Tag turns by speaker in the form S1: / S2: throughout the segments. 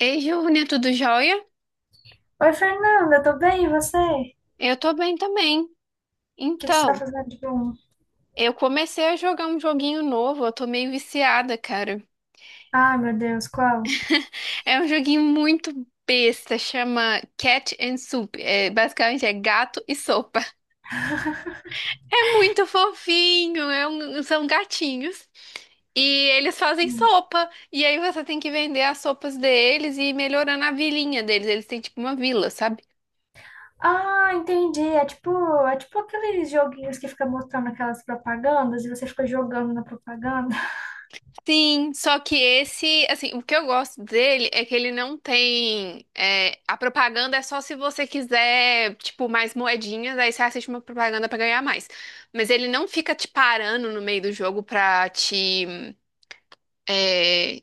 S1: Ei, Giovana, tudo jóia?
S2: Oi, Fernanda, tô bem, e você? O
S1: Eu tô bem também.
S2: que que você tá
S1: Então,
S2: fazendo de bom?
S1: eu comecei a jogar um joguinho novo, eu tô meio viciada, cara.
S2: Ai, meu Deus, qual?
S1: É um joguinho muito besta, chama Cat and Soup. É, basicamente é gato e sopa. É muito fofinho, são gatinhos. E eles fazem
S2: Hum.
S1: sopa. E aí você tem que vender as sopas deles e ir melhorando a vilinha deles. Eles têm tipo uma vila, sabe?
S2: Ah, entendi. É tipo aqueles joguinhos que fica mostrando aquelas propagandas e você fica jogando na propaganda.
S1: Sim, só que esse, assim, o que eu gosto dele é que ele não tem. A propaganda é só se você quiser, tipo, mais moedinhas, aí você assiste uma propaganda pra ganhar mais. Mas ele não fica te parando no meio do jogo pra te, é,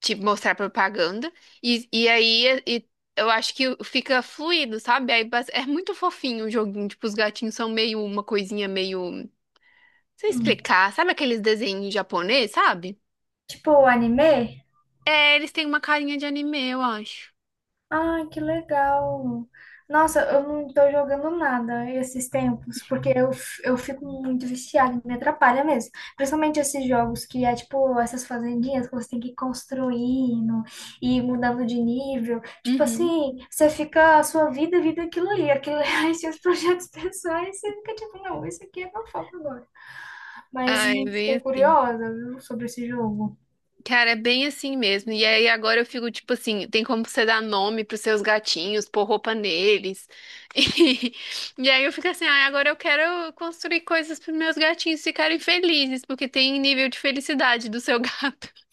S1: te mostrar propaganda. E aí eu acho que fica fluido, sabe? É muito fofinho o joguinho, tipo, os gatinhos são meio uma coisinha meio. Não sei
S2: Hum.
S1: explicar, sabe aqueles desenhos japonês, sabe?
S2: Tipo anime?
S1: É, eles têm uma carinha de anime, eu acho.
S2: Ai, que legal. Nossa, eu não tô jogando nada esses tempos, porque eu fico muito viciada, me atrapalha mesmo. Principalmente esses jogos que é tipo essas fazendinhas que você tem que ir construindo e mudando de nível. Tipo
S1: Uhum.
S2: assim, você fica a sua vida, vida é aquilo ali, aquilo ali, seus projetos pessoais, você fica tipo, não, isso aqui é meu foco agora. Mas
S1: Ah, é bem
S2: fiquei
S1: assim.
S2: curiosa, viu, sobre esse jogo.
S1: Cara, é bem assim mesmo. E aí agora eu fico tipo assim, tem como você dar nome pros seus gatinhos, pôr roupa neles. E aí eu fico assim, ah, agora eu quero construir coisas pros meus gatinhos ficarem felizes, porque tem nível de felicidade do seu gato.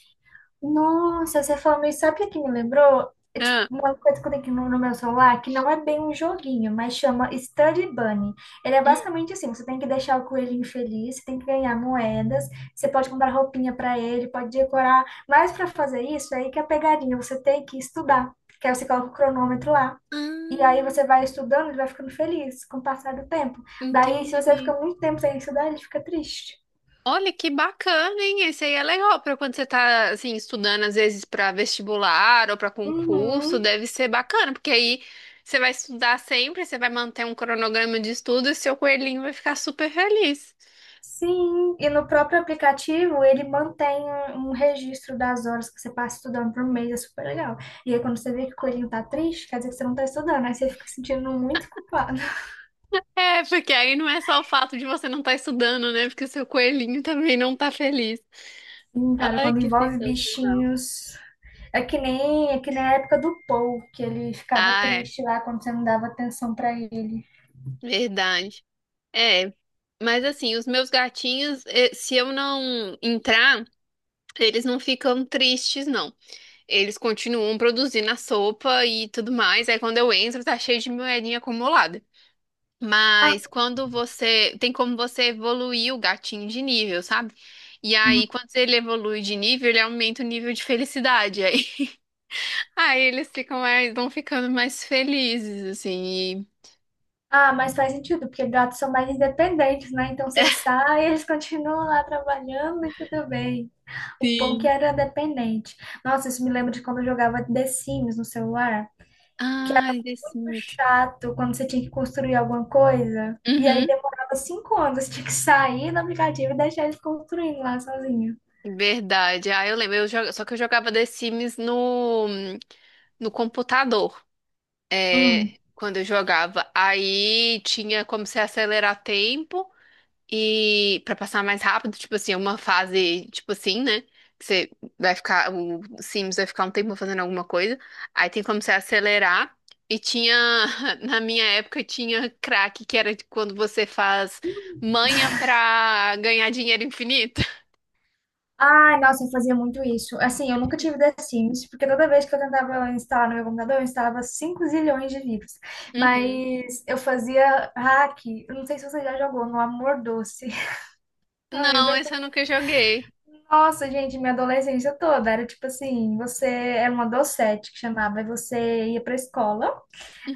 S2: Nossa, você falando isso, sabe o que que me lembrou? É tipo
S1: Ah,
S2: uma coisa que eu tenho aqui no meu celular, que não é bem um joguinho, mas chama Study Bunny. Ele é
S1: hum,
S2: basicamente assim, você tem que deixar o coelhinho feliz, você tem que ganhar moedas, você pode comprar roupinha para ele, pode decorar, mas para fazer isso, aí que é a pegadinha, você tem que estudar, que aí você coloca o cronômetro lá. E aí
S1: ah,
S2: você vai estudando, ele vai ficando feliz com o passar do tempo. Daí, se você fica
S1: entendi.
S2: muito tempo sem estudar, ele fica triste.
S1: Olha que bacana, hein? Esse aí é legal para quando você tá assim estudando às vezes para vestibular ou para concurso,
S2: Uhum.
S1: deve ser bacana, porque aí você vai estudar sempre, você vai manter um cronograma de estudo e seu coelhinho vai ficar super feliz.
S2: Sim, e no próprio aplicativo ele mantém um registro das horas que você passa estudando por mês, é super legal. E aí quando você vê que o coelhinho tá triste, quer dizer que você não tá estudando, aí você fica se sentindo muito culpado.
S1: É, porque aí não é só o fato de você não estar estudando, né? Porque seu coelhinho também não tá feliz.
S2: Sim, cara,
S1: Ai,
S2: quando
S1: que
S2: envolve
S1: sensacional.
S2: bichinhos, é que nem a época do Paul, que ele ficava
S1: Ah, é,
S2: triste lá quando você não dava atenção pra ele.
S1: verdade. É. Mas assim, os meus gatinhos, se eu não entrar, eles não ficam tristes, não. Eles continuam produzindo a sopa e tudo mais. Aí quando eu entro, tá cheio de moedinha acumulada. Mas quando você. Tem como você evoluir o gatinho de nível, sabe? E
S2: Ah,
S1: aí, quando ele evolui de nível, ele aumenta o nível de felicidade. Aí, aí eles ficam mais, vão ficando mais felizes, assim.
S2: Ah, mas faz sentido, porque gatos são mais independentes, né? Então
S1: E...
S2: você sai, eles continuam lá trabalhando e tudo bem. O pão que
S1: Sim.
S2: era dependente. Nossa, isso me lembra de quando eu jogava The Sims no celular, que era
S1: Ai, The
S2: muito
S1: Sims.
S2: chato quando você tinha que construir alguma coisa. E aí
S1: Uhum.
S2: demorava cinco anos, você tinha que sair do aplicativo e deixar eles construindo lá sozinho.
S1: Verdade. Ah, eu lembro. Só que eu jogava The Sims no computador. Quando eu jogava. Aí tinha como você acelerar tempo e para passar mais rápido, tipo assim, é uma fase, tipo assim, né? Que você vai ficar, o Sims vai ficar um tempo fazendo alguma coisa. Aí tem como você acelerar. E tinha, na minha época, tinha crack, que era de quando você faz manha pra ganhar dinheiro infinito.
S2: Ai, nossa, eu fazia muito isso. Assim, eu nunca tive The Sims, porque toda vez que eu tentava instalar no meu computador, eu instalava 5 zilhões de vírus.
S1: Uhum.
S2: Mas eu fazia hack. Eu não sei se você já jogou no Amor Doce. Ai, eu
S1: Não,
S2: invento...
S1: esse eu nunca joguei.
S2: Nossa, gente, minha adolescência toda era tipo assim, você era uma docete que chamava, e você ia pra escola.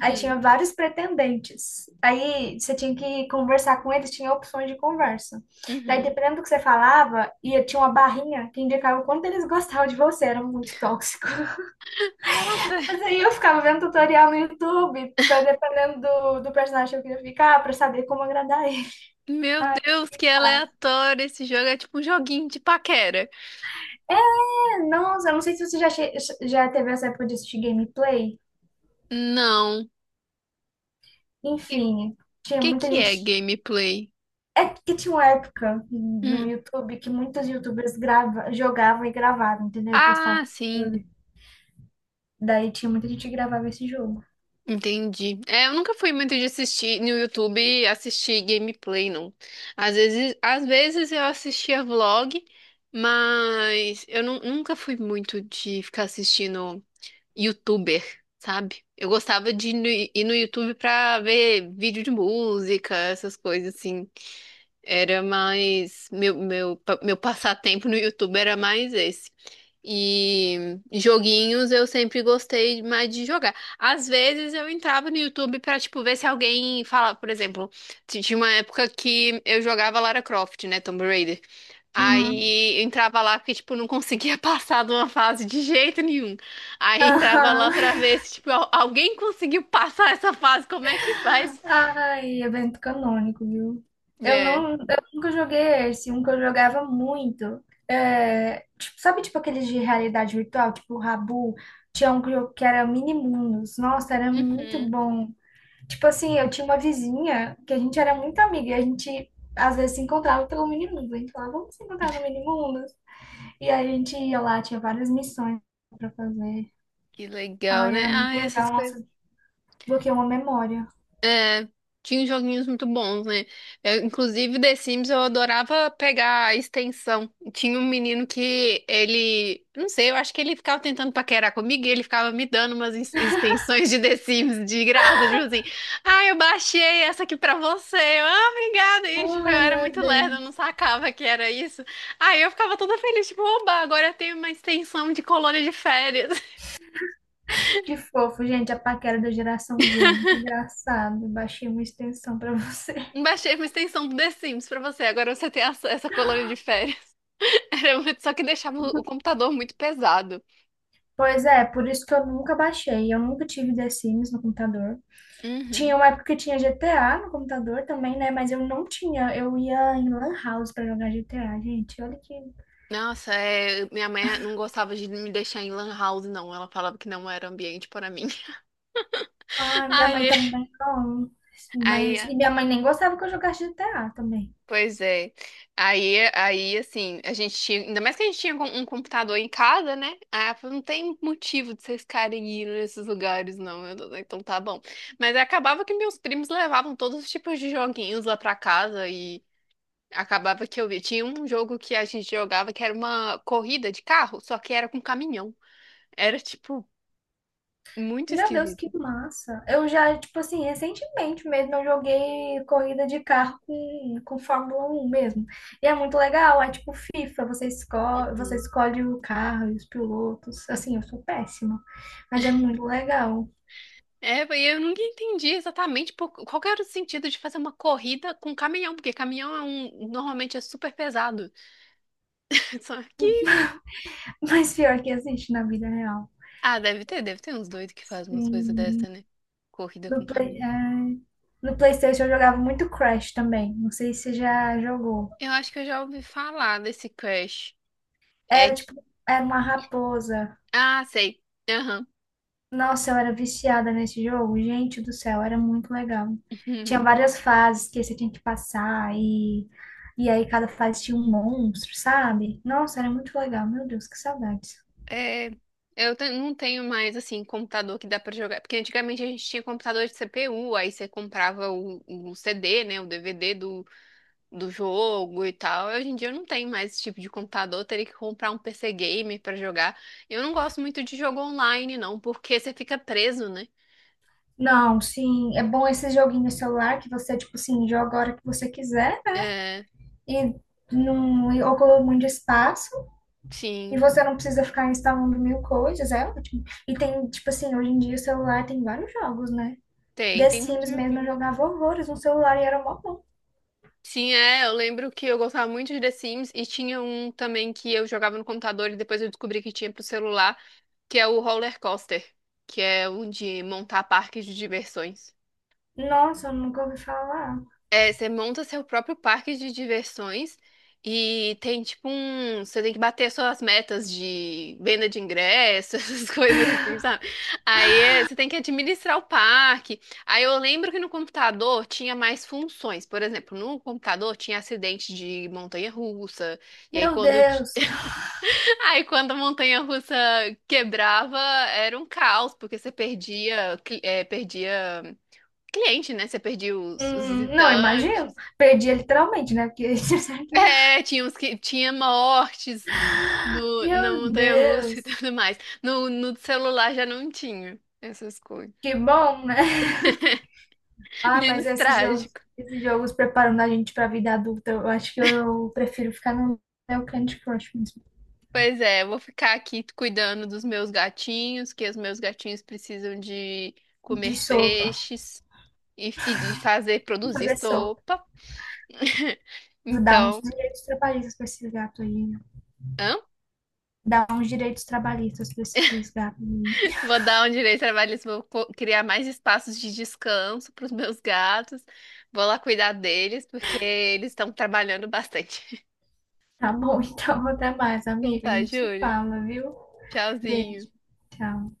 S2: Aí tinha vários pretendentes. Aí você tinha que conversar com eles, tinha opções de conversa. Daí,
S1: Uhum.
S2: dependendo do que você falava, ia, tinha uma barrinha que indicava o quanto eles gostavam de você, era muito tóxico.
S1: Nossa,
S2: Mas aí eu ficava vendo tutorial no YouTube, pra- dependendo do, do personagem que eu queria ficar, pra saber como agradar ele.
S1: meu
S2: Ai,
S1: Deus,
S2: que
S1: que
S2: fácil.
S1: aleatório. Esse jogo é tipo um joguinho de paquera.
S2: É, nossa, eu não sei se você já teve essa época de assistir gameplay.
S1: Não. Que
S2: Enfim, tinha muita
S1: que é
S2: gente.
S1: gameplay?
S2: É que tinha uma época no
S1: Hum.
S2: YouTube que muitas YouTubers grava, jogavam e gravavam, entendeu? E postavam
S1: Ah,
S2: no
S1: sim.
S2: YouTube. Daí tinha muita gente que gravava esse jogo.
S1: Entendi. É, eu nunca fui muito de assistir no YouTube assistir gameplay, não. Às vezes eu assistia vlog, mas nunca fui muito de ficar assistindo YouTuber, sabe? Eu gostava de ir no YouTube pra ver vídeo de música, essas coisas assim. Era mais. Meu passatempo no YouTube era mais esse. E joguinhos eu sempre gostei mais de jogar. Às vezes eu entrava no YouTube pra, tipo, ver se alguém falava, por exemplo, tinha uma época que eu jogava Lara Croft, né, Tomb Raider.
S2: Uhum.
S1: Aí eu entrava lá porque, tipo, não conseguia passar de uma fase de jeito nenhum. Aí entrava lá
S2: Aham.
S1: pra ver se, tipo, alguém conseguiu passar essa fase, como é que faz?
S2: Ai, evento canônico, viu? Eu
S1: É.
S2: não, eu nunca joguei esse, um que eu jogava muito. É, tipo, sabe, tipo aqueles de realidade virtual, tipo o Rabu, tinha um que era Minimundos. Nossa, era muito
S1: Uhum.
S2: bom. Tipo assim, eu tinha uma vizinha que a gente era muito amiga e a gente às vezes se encontrava pelo mini-mundo. A gente falava, vamos se encontrar no mini-mundo. E aí a gente ia lá, tinha várias missões pra fazer.
S1: Que legal,
S2: Ai,
S1: né?
S2: era muito
S1: Ah, essas
S2: legal.
S1: coisas.
S2: Nossa, bloqueei uma memória.
S1: Tinha joguinhos muito bons, né? Eu, inclusive, The Sims eu adorava pegar a extensão. Tinha um menino que ele, não sei, eu acho que ele ficava tentando paquerar comigo e ele ficava me dando umas extensões de The Sims de graça, tipo assim, ah, eu baixei essa aqui pra você. Eu, ah, obrigada. E, tipo, eu
S2: Ai,
S1: era
S2: meu
S1: muito lerda, eu não
S2: Deus.
S1: sacava que era isso. Aí eu ficava toda feliz, tipo, oba, agora eu tenho uma extensão de colônia de férias.
S2: Que fofo, gente, a paquera da geração Z. Muito engraçado. Baixei uma extensão pra você.
S1: Baixei uma extensão do The Sims pra você. Agora você tem essa colônia de férias. Era muito- só que deixava o computador muito pesado.
S2: Pois é, por isso que eu nunca baixei. Eu nunca tive The Sims no computador. Tinha
S1: Uhum.
S2: uma época que tinha GTA no computador também, né? Mas eu não tinha. Eu ia em Lan House pra jogar GTA, gente. Olha que.
S1: Nossa, é, minha mãe não gostava de me deixar em lan house, não. Ela falava que não era ambiente para mim.
S2: Ai, minha mãe
S1: Aí,
S2: também não.
S1: aí,
S2: Mas... E minha mãe nem gostava que eu jogasse GTA também.
S1: pois é. Aí, assim, a gente tinha, ainda mais que a gente tinha um computador em casa, né? Aí ela falou, não tem motivo de vocês ficarem indo nesses lugares, não. Eu, falei, então tá bom. Mas acabava que meus primos levavam todos os tipos de joguinhos lá pra casa e acabava que eu vi. Tinha um jogo que a gente jogava que era uma corrida de carro, só que era com caminhão. Era, tipo, muito
S2: Meu Deus, que
S1: esquisito.
S2: massa. Eu já, tipo assim, recentemente mesmo eu joguei corrida de carro com Fórmula um mesmo. E é muito legal. É tipo FIFA, você escolhe, você
S1: Uhum.
S2: escolhe o carro e os pilotos. Assim, eu sou péssima, mas é muito legal.
S1: É, e eu nunca entendi exatamente qual que era o sentido de fazer uma corrida com caminhão, porque caminhão é um, normalmente é super pesado. Só que,
S2: Mas pior que existe na vida real.
S1: ah, deve ter uns doidos que fazem umas coisas
S2: Sim.
S1: dessa, né? Corrida
S2: No
S1: com
S2: Play...
S1: caminhão.
S2: ai. No PlayStation eu jogava muito Crash também. Não sei se você já jogou.
S1: Eu acho que eu já ouvi falar desse Crash. É,
S2: Era
S1: que-
S2: tipo, era uma raposa.
S1: ah, sei. Aham.
S2: Nossa, eu era viciada nesse jogo. Gente do céu, era muito legal. Tinha várias fases que você tinha que passar e aí cada fase tinha um monstro, sabe? Nossa, era muito legal. Meu Deus, que saudades.
S1: É, não tenho mais, assim, computador que dá pra jogar. Porque antigamente a gente tinha computador de CPU, aí você comprava o CD, né? O DVD do jogo e tal. Hoje em dia eu não tenho mais esse tipo de computador, eu teria que comprar um PC gamer pra jogar. Eu não gosto muito de jogo online, não, porque você fica preso, né?
S2: Não, sim, é bom esse joguinho no celular que você, tipo assim, joga a hora que você quiser, né?
S1: É,
S2: E não ocupa muito espaço. E
S1: sim,
S2: você não precisa ficar instalando mil coisas, é ótimo. E tem, tipo assim, hoje em dia o celular tem vários jogos, né? The
S1: tem muito
S2: Sims mesmo
S1: joguinho,
S2: eu
S1: né?
S2: jogava horrores no celular e era mó bom.
S1: Sim, é, eu lembro que eu gostava muito de The Sims e tinha um também que eu jogava no computador e depois eu descobri que tinha pro celular. Que é o roller coaster, que é o de montar parques de diversões.
S2: Nossa, eu nunca ouvi falar.
S1: É, você monta seu próprio parque de diversões e tem tipo um. Você tem que bater suas metas de venda de ingressos, essas coisas assim, sabe? Aí é, você tem que administrar o parque. Aí eu lembro que no computador tinha mais funções. Por exemplo, no computador tinha acidente de montanha-russa. E aí
S2: Meu
S1: quando t-
S2: Deus.
S1: Aí quando a montanha-russa quebrava, era um caos, porque você perdia, perdia cliente, né? Você perdia os
S2: Não,
S1: visitantes.
S2: imagino. Perdia literalmente, né? Porque
S1: É, tinha uns que tinha mortes no, na
S2: Meu
S1: montanha-russa e
S2: Deus.
S1: tudo mais. No celular já não tinha essas coisas.
S2: Que bom, né? Ah, mas
S1: Menos trágico.
S2: esses jogos preparando a gente pra vida adulta, eu acho que eu prefiro ficar no meu Candy Crush mesmo.
S1: Pois é, eu vou ficar aqui cuidando dos meus gatinhos, que os meus gatinhos precisam de
S2: De
S1: comer
S2: sopa.
S1: peixes e de fazer produzir
S2: Fazer sopa.
S1: sopa.
S2: Dar uns
S1: Então,
S2: direitos trabalhistas para esses gatos aí.
S1: hã?
S2: Dar uns direitos trabalhistas para esses gatos aí.
S1: Vou dar um direito trabalhista, criar mais espaços de descanso para os meus gatos. Vou lá cuidar deles, porque eles estão trabalhando bastante.
S2: Tá bom, então até mais,
S1: Então
S2: amiga. A
S1: tá,
S2: gente se
S1: Júlia.
S2: fala, viu?
S1: Tchauzinho.
S2: Beijo. Tchau.